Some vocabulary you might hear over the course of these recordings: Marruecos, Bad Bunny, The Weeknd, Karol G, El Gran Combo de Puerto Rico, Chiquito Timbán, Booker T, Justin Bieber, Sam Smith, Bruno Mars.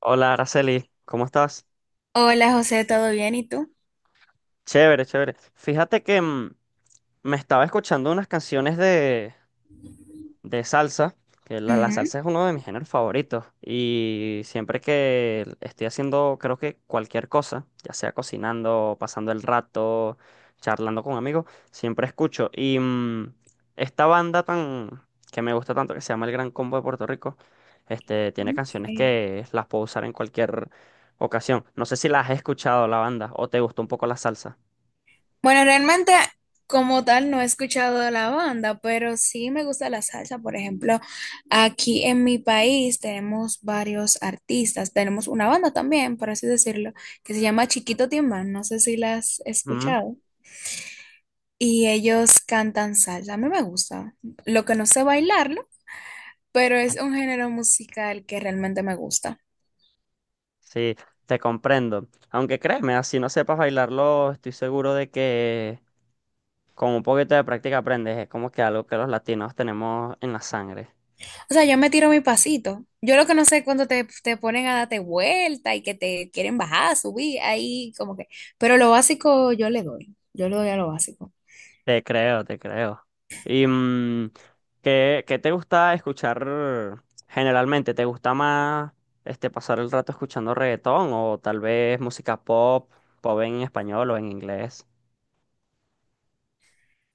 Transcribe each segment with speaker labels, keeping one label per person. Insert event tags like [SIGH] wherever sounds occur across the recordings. Speaker 1: Hola, Araceli, ¿cómo estás?
Speaker 2: Hola José, ¿todo bien? ¿Y tú?
Speaker 1: Chévere, chévere. Fíjate que me estaba escuchando unas canciones de salsa, que la
Speaker 2: Ujú.
Speaker 1: salsa es uno de mis géneros favoritos y siempre que estoy haciendo, creo que cualquier cosa, ya sea cocinando, pasando el rato, charlando con amigos, siempre escucho. Y esta banda tan que me gusta tanto, que se llama El Gran Combo de Puerto Rico, este, tiene
Speaker 2: Ok.
Speaker 1: canciones que las puedo usar en cualquier ocasión. No sé si las has escuchado la banda o te gustó un poco la salsa.
Speaker 2: Bueno, realmente como tal no he escuchado de la banda, pero sí me gusta la salsa. Por ejemplo, aquí en mi país tenemos varios artistas. Tenemos una banda también, por así decirlo, que se llama Chiquito Timbán. No sé si la has
Speaker 1: Ujú.
Speaker 2: escuchado. Y ellos cantan salsa. A mí me gusta. Lo que no sé bailarlo, pero es un género musical que realmente me gusta.
Speaker 1: Sí, te comprendo. Aunque créeme, así no sepas bailarlo, estoy seguro de que con un poquito de práctica aprendes. Es como que algo que los latinos tenemos en la sangre.
Speaker 2: O sea, yo me tiro mi pasito. Yo lo que no sé es cuando te ponen a darte vuelta y que te quieren bajar, subir, ahí como que. Pero lo básico yo le doy. Yo le doy a lo básico.
Speaker 1: Te creo, te creo. ¿Y ¿qué, qué te gusta escuchar generalmente? ¿Te gusta más este, pasar el rato escuchando reggaetón o tal vez música pop, pop en español o en inglés?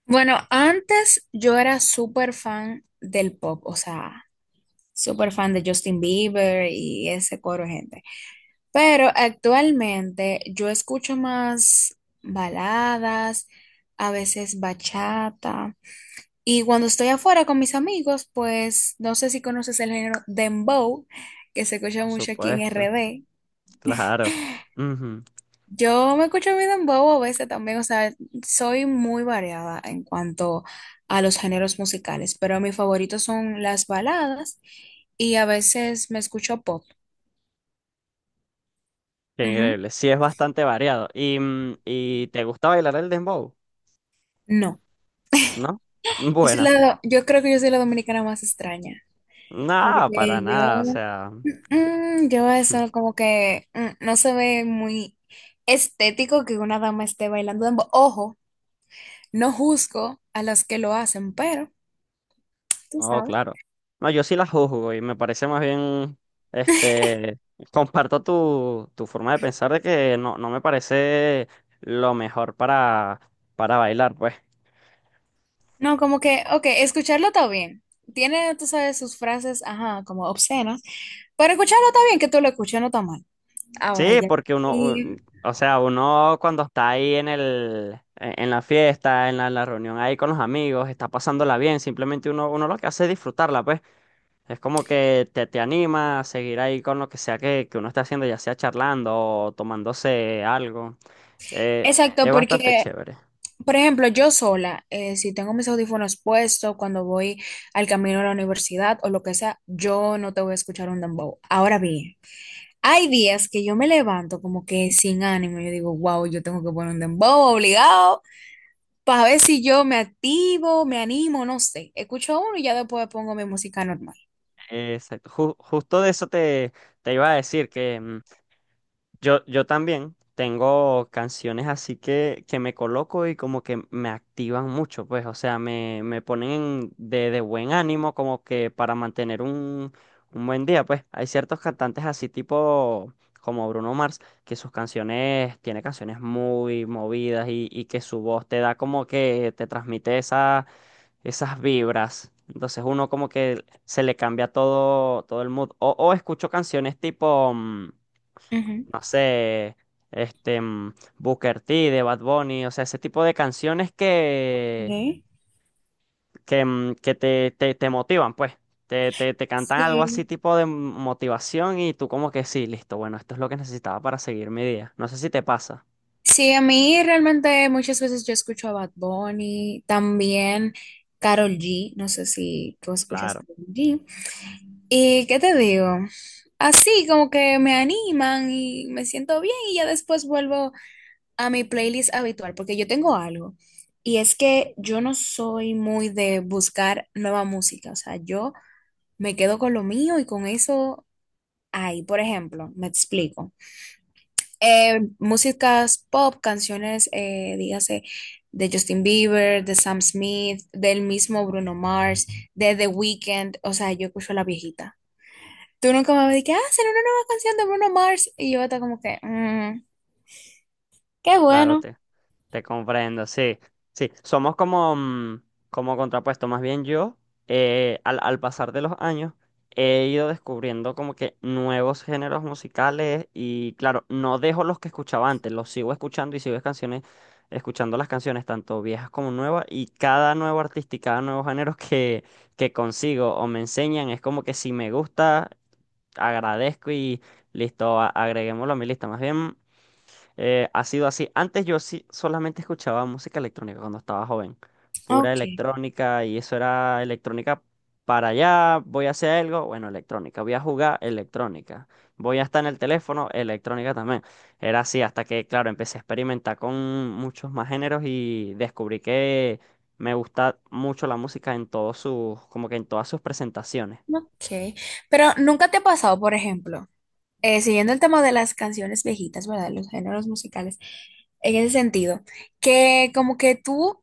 Speaker 2: Bueno, antes yo era súper fan del pop, o sea, súper fan de Justin Bieber y ese coro de gente. Pero actualmente yo escucho más baladas, a veces bachata. Y cuando estoy afuera con mis amigos, pues no sé si conoces el género dembow, que se escucha
Speaker 1: Por
Speaker 2: mucho aquí en
Speaker 1: supuesto,
Speaker 2: RD.
Speaker 1: claro. Ujú.
Speaker 2: Yo me escucho mi dembow a veces también, o sea, soy muy variada en cuanto a los géneros musicales, pero mis favoritos son las baladas y a veces me escucho pop.
Speaker 1: Qué
Speaker 2: Ujú.
Speaker 1: increíble. Sí, es bastante variado. ¿Y, y te gusta bailar el dembow?
Speaker 2: No,
Speaker 1: ¿No? [LAUGHS]
Speaker 2: yo soy
Speaker 1: Bueno,
Speaker 2: la, yo creo que yo soy la dominicana más extraña,
Speaker 1: nada, para
Speaker 2: porque yo
Speaker 1: nada. O sea,
Speaker 2: Yo eso
Speaker 1: [LAUGHS]
Speaker 2: como que no se ve muy estético que una dama esté bailando dembow. Ojo, no juzgo a las que lo hacen, pero tú
Speaker 1: no,
Speaker 2: sabes.
Speaker 1: claro. No, yo sí la juzgo y me parece más bien, este, comparto tu forma de pensar de que no, no me parece lo mejor para bailar, pues.
Speaker 2: No, como que, ok, escucharlo está bien. Tiene, tú sabes, sus frases, ajá, como obscenas, pero escucharlo está bien, que tú lo escuches, no está mal. Ahora
Speaker 1: Sí,
Speaker 2: ya.
Speaker 1: porque uno,
Speaker 2: Y-
Speaker 1: un- o sea, uno cuando está ahí en el, en la fiesta, en la reunión ahí con los amigos, está pasándola bien, simplemente uno, uno lo que hace es disfrutarla, pues. Es como que te anima a seguir ahí con lo que sea que uno esté haciendo, ya sea charlando o tomándose algo. Eh,
Speaker 2: exacto,
Speaker 1: es bastante
Speaker 2: porque,
Speaker 1: chévere.
Speaker 2: por ejemplo, yo sola, si tengo mis audífonos puestos cuando voy al camino a la universidad o lo que sea, yo no te voy a escuchar un dembow. Ahora bien. Hay días que yo me levanto como que sin ánimo. Yo digo, wow, yo tengo que poner un dembow obligado para ver si yo me activo, me animo, no sé. Escucho uno y ya después pongo mi música normal.
Speaker 1: Exacto. Ju- justo de eso te, te iba a decir que yo también tengo canciones así que me coloco y como que me activan mucho, pues, o sea, me ponen de buen ánimo como que para mantener un buen día, pues. Hay ciertos cantantes así tipo como Bruno Mars, que sus canciones, tiene canciones muy movidas y que su voz te da como que te transmite esa, esas vibras. Entonces uno como que se le cambia todo, todo el mood. O escucho canciones tipo... mm,
Speaker 2: Ujú.
Speaker 1: no sé, este, Booker T, de Bad Bunny, o sea, ese tipo de canciones
Speaker 2: ¿Eh?
Speaker 1: que, que te motivan, pues. Te cantan algo así
Speaker 2: Sí.
Speaker 1: tipo de motivación y tú como que sí, listo, bueno, esto es lo que necesitaba para seguir mi día. No sé si te pasa.
Speaker 2: Sí, a mí realmente muchas veces yo escucho a Bad Bunny, también Karol G. No sé si tú escuchas
Speaker 1: Claro.
Speaker 2: Karol G. ¿Y qué te digo? Así como que me animan y me siento bien y ya después vuelvo a mi playlist habitual, porque yo tengo algo. Y es que yo no soy muy de buscar nueva música, o sea, yo me quedo con lo mío y con eso ahí, por ejemplo, me explico. Músicas pop, canciones, dígase, de Justin Bieber, de Sam Smith, del mismo Bruno Mars, de The Weeknd, o sea, yo escucho la viejita. Tú nunca me dijiste, ah, será una nueva canción de Bruno Mars. Y yo estaba como que, "Mm, qué
Speaker 1: Claro,
Speaker 2: bueno."
Speaker 1: te comprendo, sí, sí, somos como, como contrapuesto, más bien yo, al, al pasar de los años, he ido descubriendo como que nuevos géneros musicales y claro, no dejo los que escuchaba antes, los sigo escuchando y sigo canciones, escuchando las canciones, tanto viejas como nuevas, y cada nuevo artista y cada nuevo género [LAUGHS] que consigo o me enseñan, es como que si me gusta, agradezco y listo, a- agreguémoslo a mi lista, más bien. Ha sido así. Antes yo sí solamente escuchaba música electrónica cuando estaba joven. Pura
Speaker 2: Ok,
Speaker 1: electrónica y eso era electrónica para allá. Voy a hacer algo, bueno, electrónica. Voy a jugar electrónica. Voy a estar en el teléfono, electrónica también. Era así hasta que, claro, empecé a experimentar con muchos más géneros y descubrí que me gusta mucho la música en todos sus, como que en todas sus presentaciones.
Speaker 2: ok. Pero nunca te ha pasado, por ejemplo, siguiendo el tema de las canciones viejitas, ¿verdad? Los géneros musicales, en ese sentido, que como que tú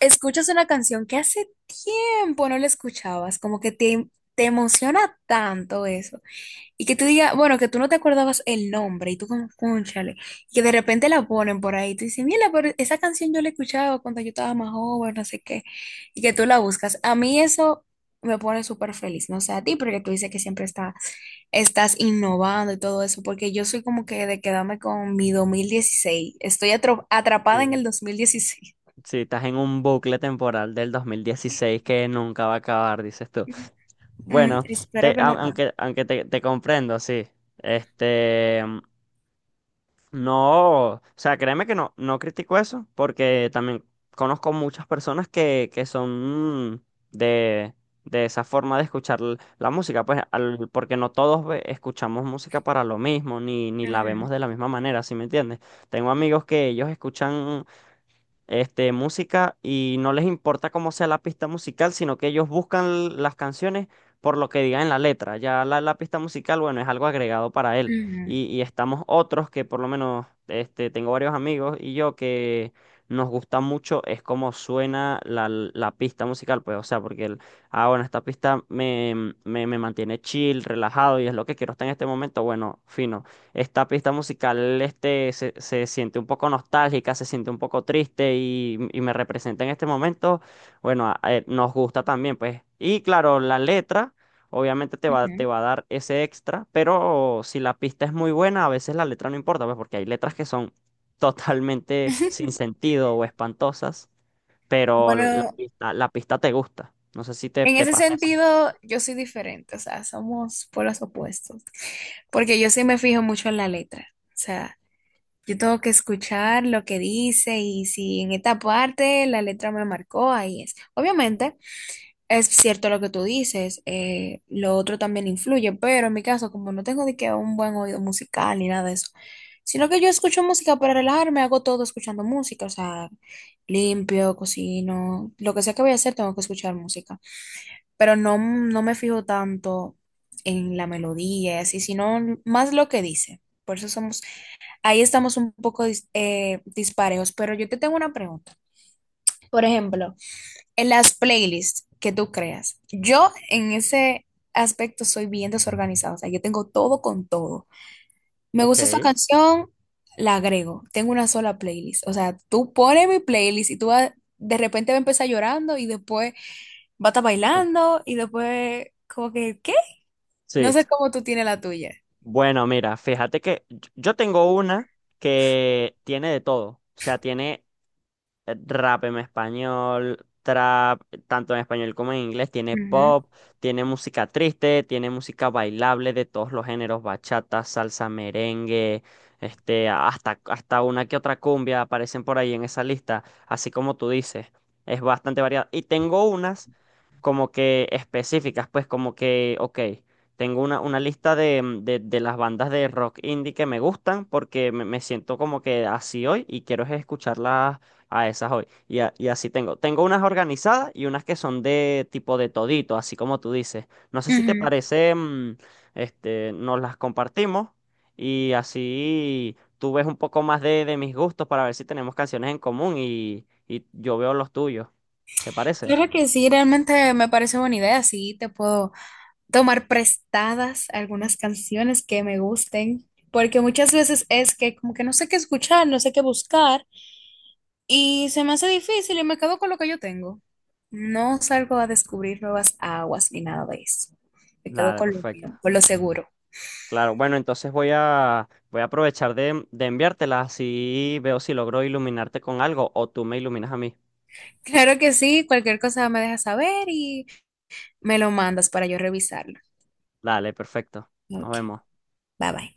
Speaker 2: escuchas una canción que hace tiempo no la escuchabas, como que te emociona tanto eso, y que tú digas, bueno, que tú no te acordabas el nombre y tú como, cónchale, y que de repente la ponen por ahí, tú dices, mira, pero esa canción yo la escuchaba cuando yo estaba más joven, no sé qué, y que tú la buscas. A mí eso me pone súper feliz, no sé a ti, porque tú dices que siempre está, estás innovando y todo eso, porque yo soy como que de quedarme con mi dos mil dieciséis, estoy atrapada en el
Speaker 1: Sí.
Speaker 2: 2016.
Speaker 1: Sí, estás en un bucle temporal del 2016 que nunca va a acabar, dices tú.
Speaker 2: Mm,
Speaker 1: Bueno,
Speaker 2: espero
Speaker 1: te-
Speaker 2: que no
Speaker 1: au-
Speaker 2: acabe.
Speaker 1: aunque, aunque te comprendo, sí. Este, no, o sea, créeme que no, no critico eso, porque también conozco muchas personas que son de, de esa forma de escuchar l- la música, pues, al- porque no todos ve- escuchamos música para lo mismo, ni, ni la vemos
Speaker 2: Ujú,
Speaker 1: de la misma manera, ¿sí me entiendes? Tengo amigos que ellos escuchan este, música y no les importa cómo sea la pista musical, sino que ellos buscan las canciones por lo que diga en la letra. Ya la pista musical, bueno, es algo agregado para él.
Speaker 2: ujú,
Speaker 1: Y estamos otros que por lo menos, este, tengo varios amigos y yo que nos gusta mucho es cómo suena la pista musical, pues, o sea, porque el, ah, bueno, esta pista me, me, me mantiene chill, relajado y es lo que quiero hasta en este momento, bueno, fino. Esta pista musical este, se siente un poco nostálgica, se siente un poco triste y me representa en este momento. Bueno, a- nos gusta también, pues. Y claro, la letra obviamente te
Speaker 2: ujú.
Speaker 1: va a dar ese extra, pero si la pista es muy buena, a veces la letra no importa, pues porque hay letras que son totalmente sin
Speaker 2: [LAUGHS]
Speaker 1: sentido o espantosas, pero
Speaker 2: Bueno,
Speaker 1: la pista te gusta. No sé si te,
Speaker 2: en
Speaker 1: te
Speaker 2: ese
Speaker 1: pasa así.
Speaker 2: sentido, yo soy diferente, o sea, somos polos opuestos, porque yo sí me fijo mucho en la letra, o sea, yo tengo que escuchar lo que dice y si en esta parte la letra me marcó, ahí es. Obviamente, es cierto lo que tú dices, lo otro también influye, pero en mi caso, como no tengo de que un buen oído musical ni nada de eso, sino que yo escucho música para relajarme, hago todo escuchando música, o sea, limpio, cocino, lo que sea que voy a hacer, tengo que escuchar música, pero no, no me fijo tanto en la melodía y así, sino más lo que dice. Por eso somos, ahí estamos un poco disparejos, pero yo te tengo una pregunta. Por ejemplo, en las playlists que tú creas, yo en ese aspecto soy bien desorganizada, o sea, yo tengo todo con todo. Me gusta esta
Speaker 1: Ok.
Speaker 2: canción, la agrego, tengo una sola playlist. O sea, tú pones mi playlist y tú vas- de repente va a empezar llorando y después va a estar
Speaker 1: Mm.
Speaker 2: bailando y después como que, ¿qué? No
Speaker 1: Sí.
Speaker 2: sé cómo tú tienes la tuya.
Speaker 1: Bueno, mira, fíjate que yo tengo una que tiene de todo. O sea, tiene rap en español, trap, tanto en español como en inglés, tiene
Speaker 2: Ujú,
Speaker 1: pop, tiene música triste, tiene música bailable de todos los géneros, bachata, salsa, merengue, este, hasta, hasta una que otra cumbia aparecen por ahí en esa lista, así como tú dices, es bastante variada. Y tengo unas como que específicas, pues como que, ok. Tengo una lista de las bandas de rock indie que me gustan porque me siento como que así hoy y quiero es escucharlas. Ah, esas hoy. Y, a- y así tengo. Tengo unas organizadas y unas que son de tipo de todito, así como tú dices. No sé si te
Speaker 2: ujú.
Speaker 1: parece, este, nos las compartimos y así tú ves un poco más de mis gustos para ver si tenemos canciones en común y yo veo los tuyos. ¿Te parece?
Speaker 2: Claro que sí, realmente me parece buena idea. Sí, te puedo tomar prestadas algunas canciones que me gusten, porque muchas veces es que como que no sé qué escuchar, no sé qué buscar, y se me hace difícil y me quedo con lo que yo tengo. No salgo a descubrir nuevas aguas ni nada de eso. Me quedo
Speaker 1: Dale,
Speaker 2: con lo
Speaker 1: perfecto.
Speaker 2: mío, con lo seguro.
Speaker 1: Claro, bueno, entonces voy a, voy a aprovechar de enviártelas así veo si logro iluminarte con algo o tú me iluminas a mí.
Speaker 2: Claro que sí, cualquier cosa me dejas saber y me lo mandas para yo revisarlo.
Speaker 1: Dale, perfecto. Nos
Speaker 2: Ok,
Speaker 1: vemos.
Speaker 2: bye bye.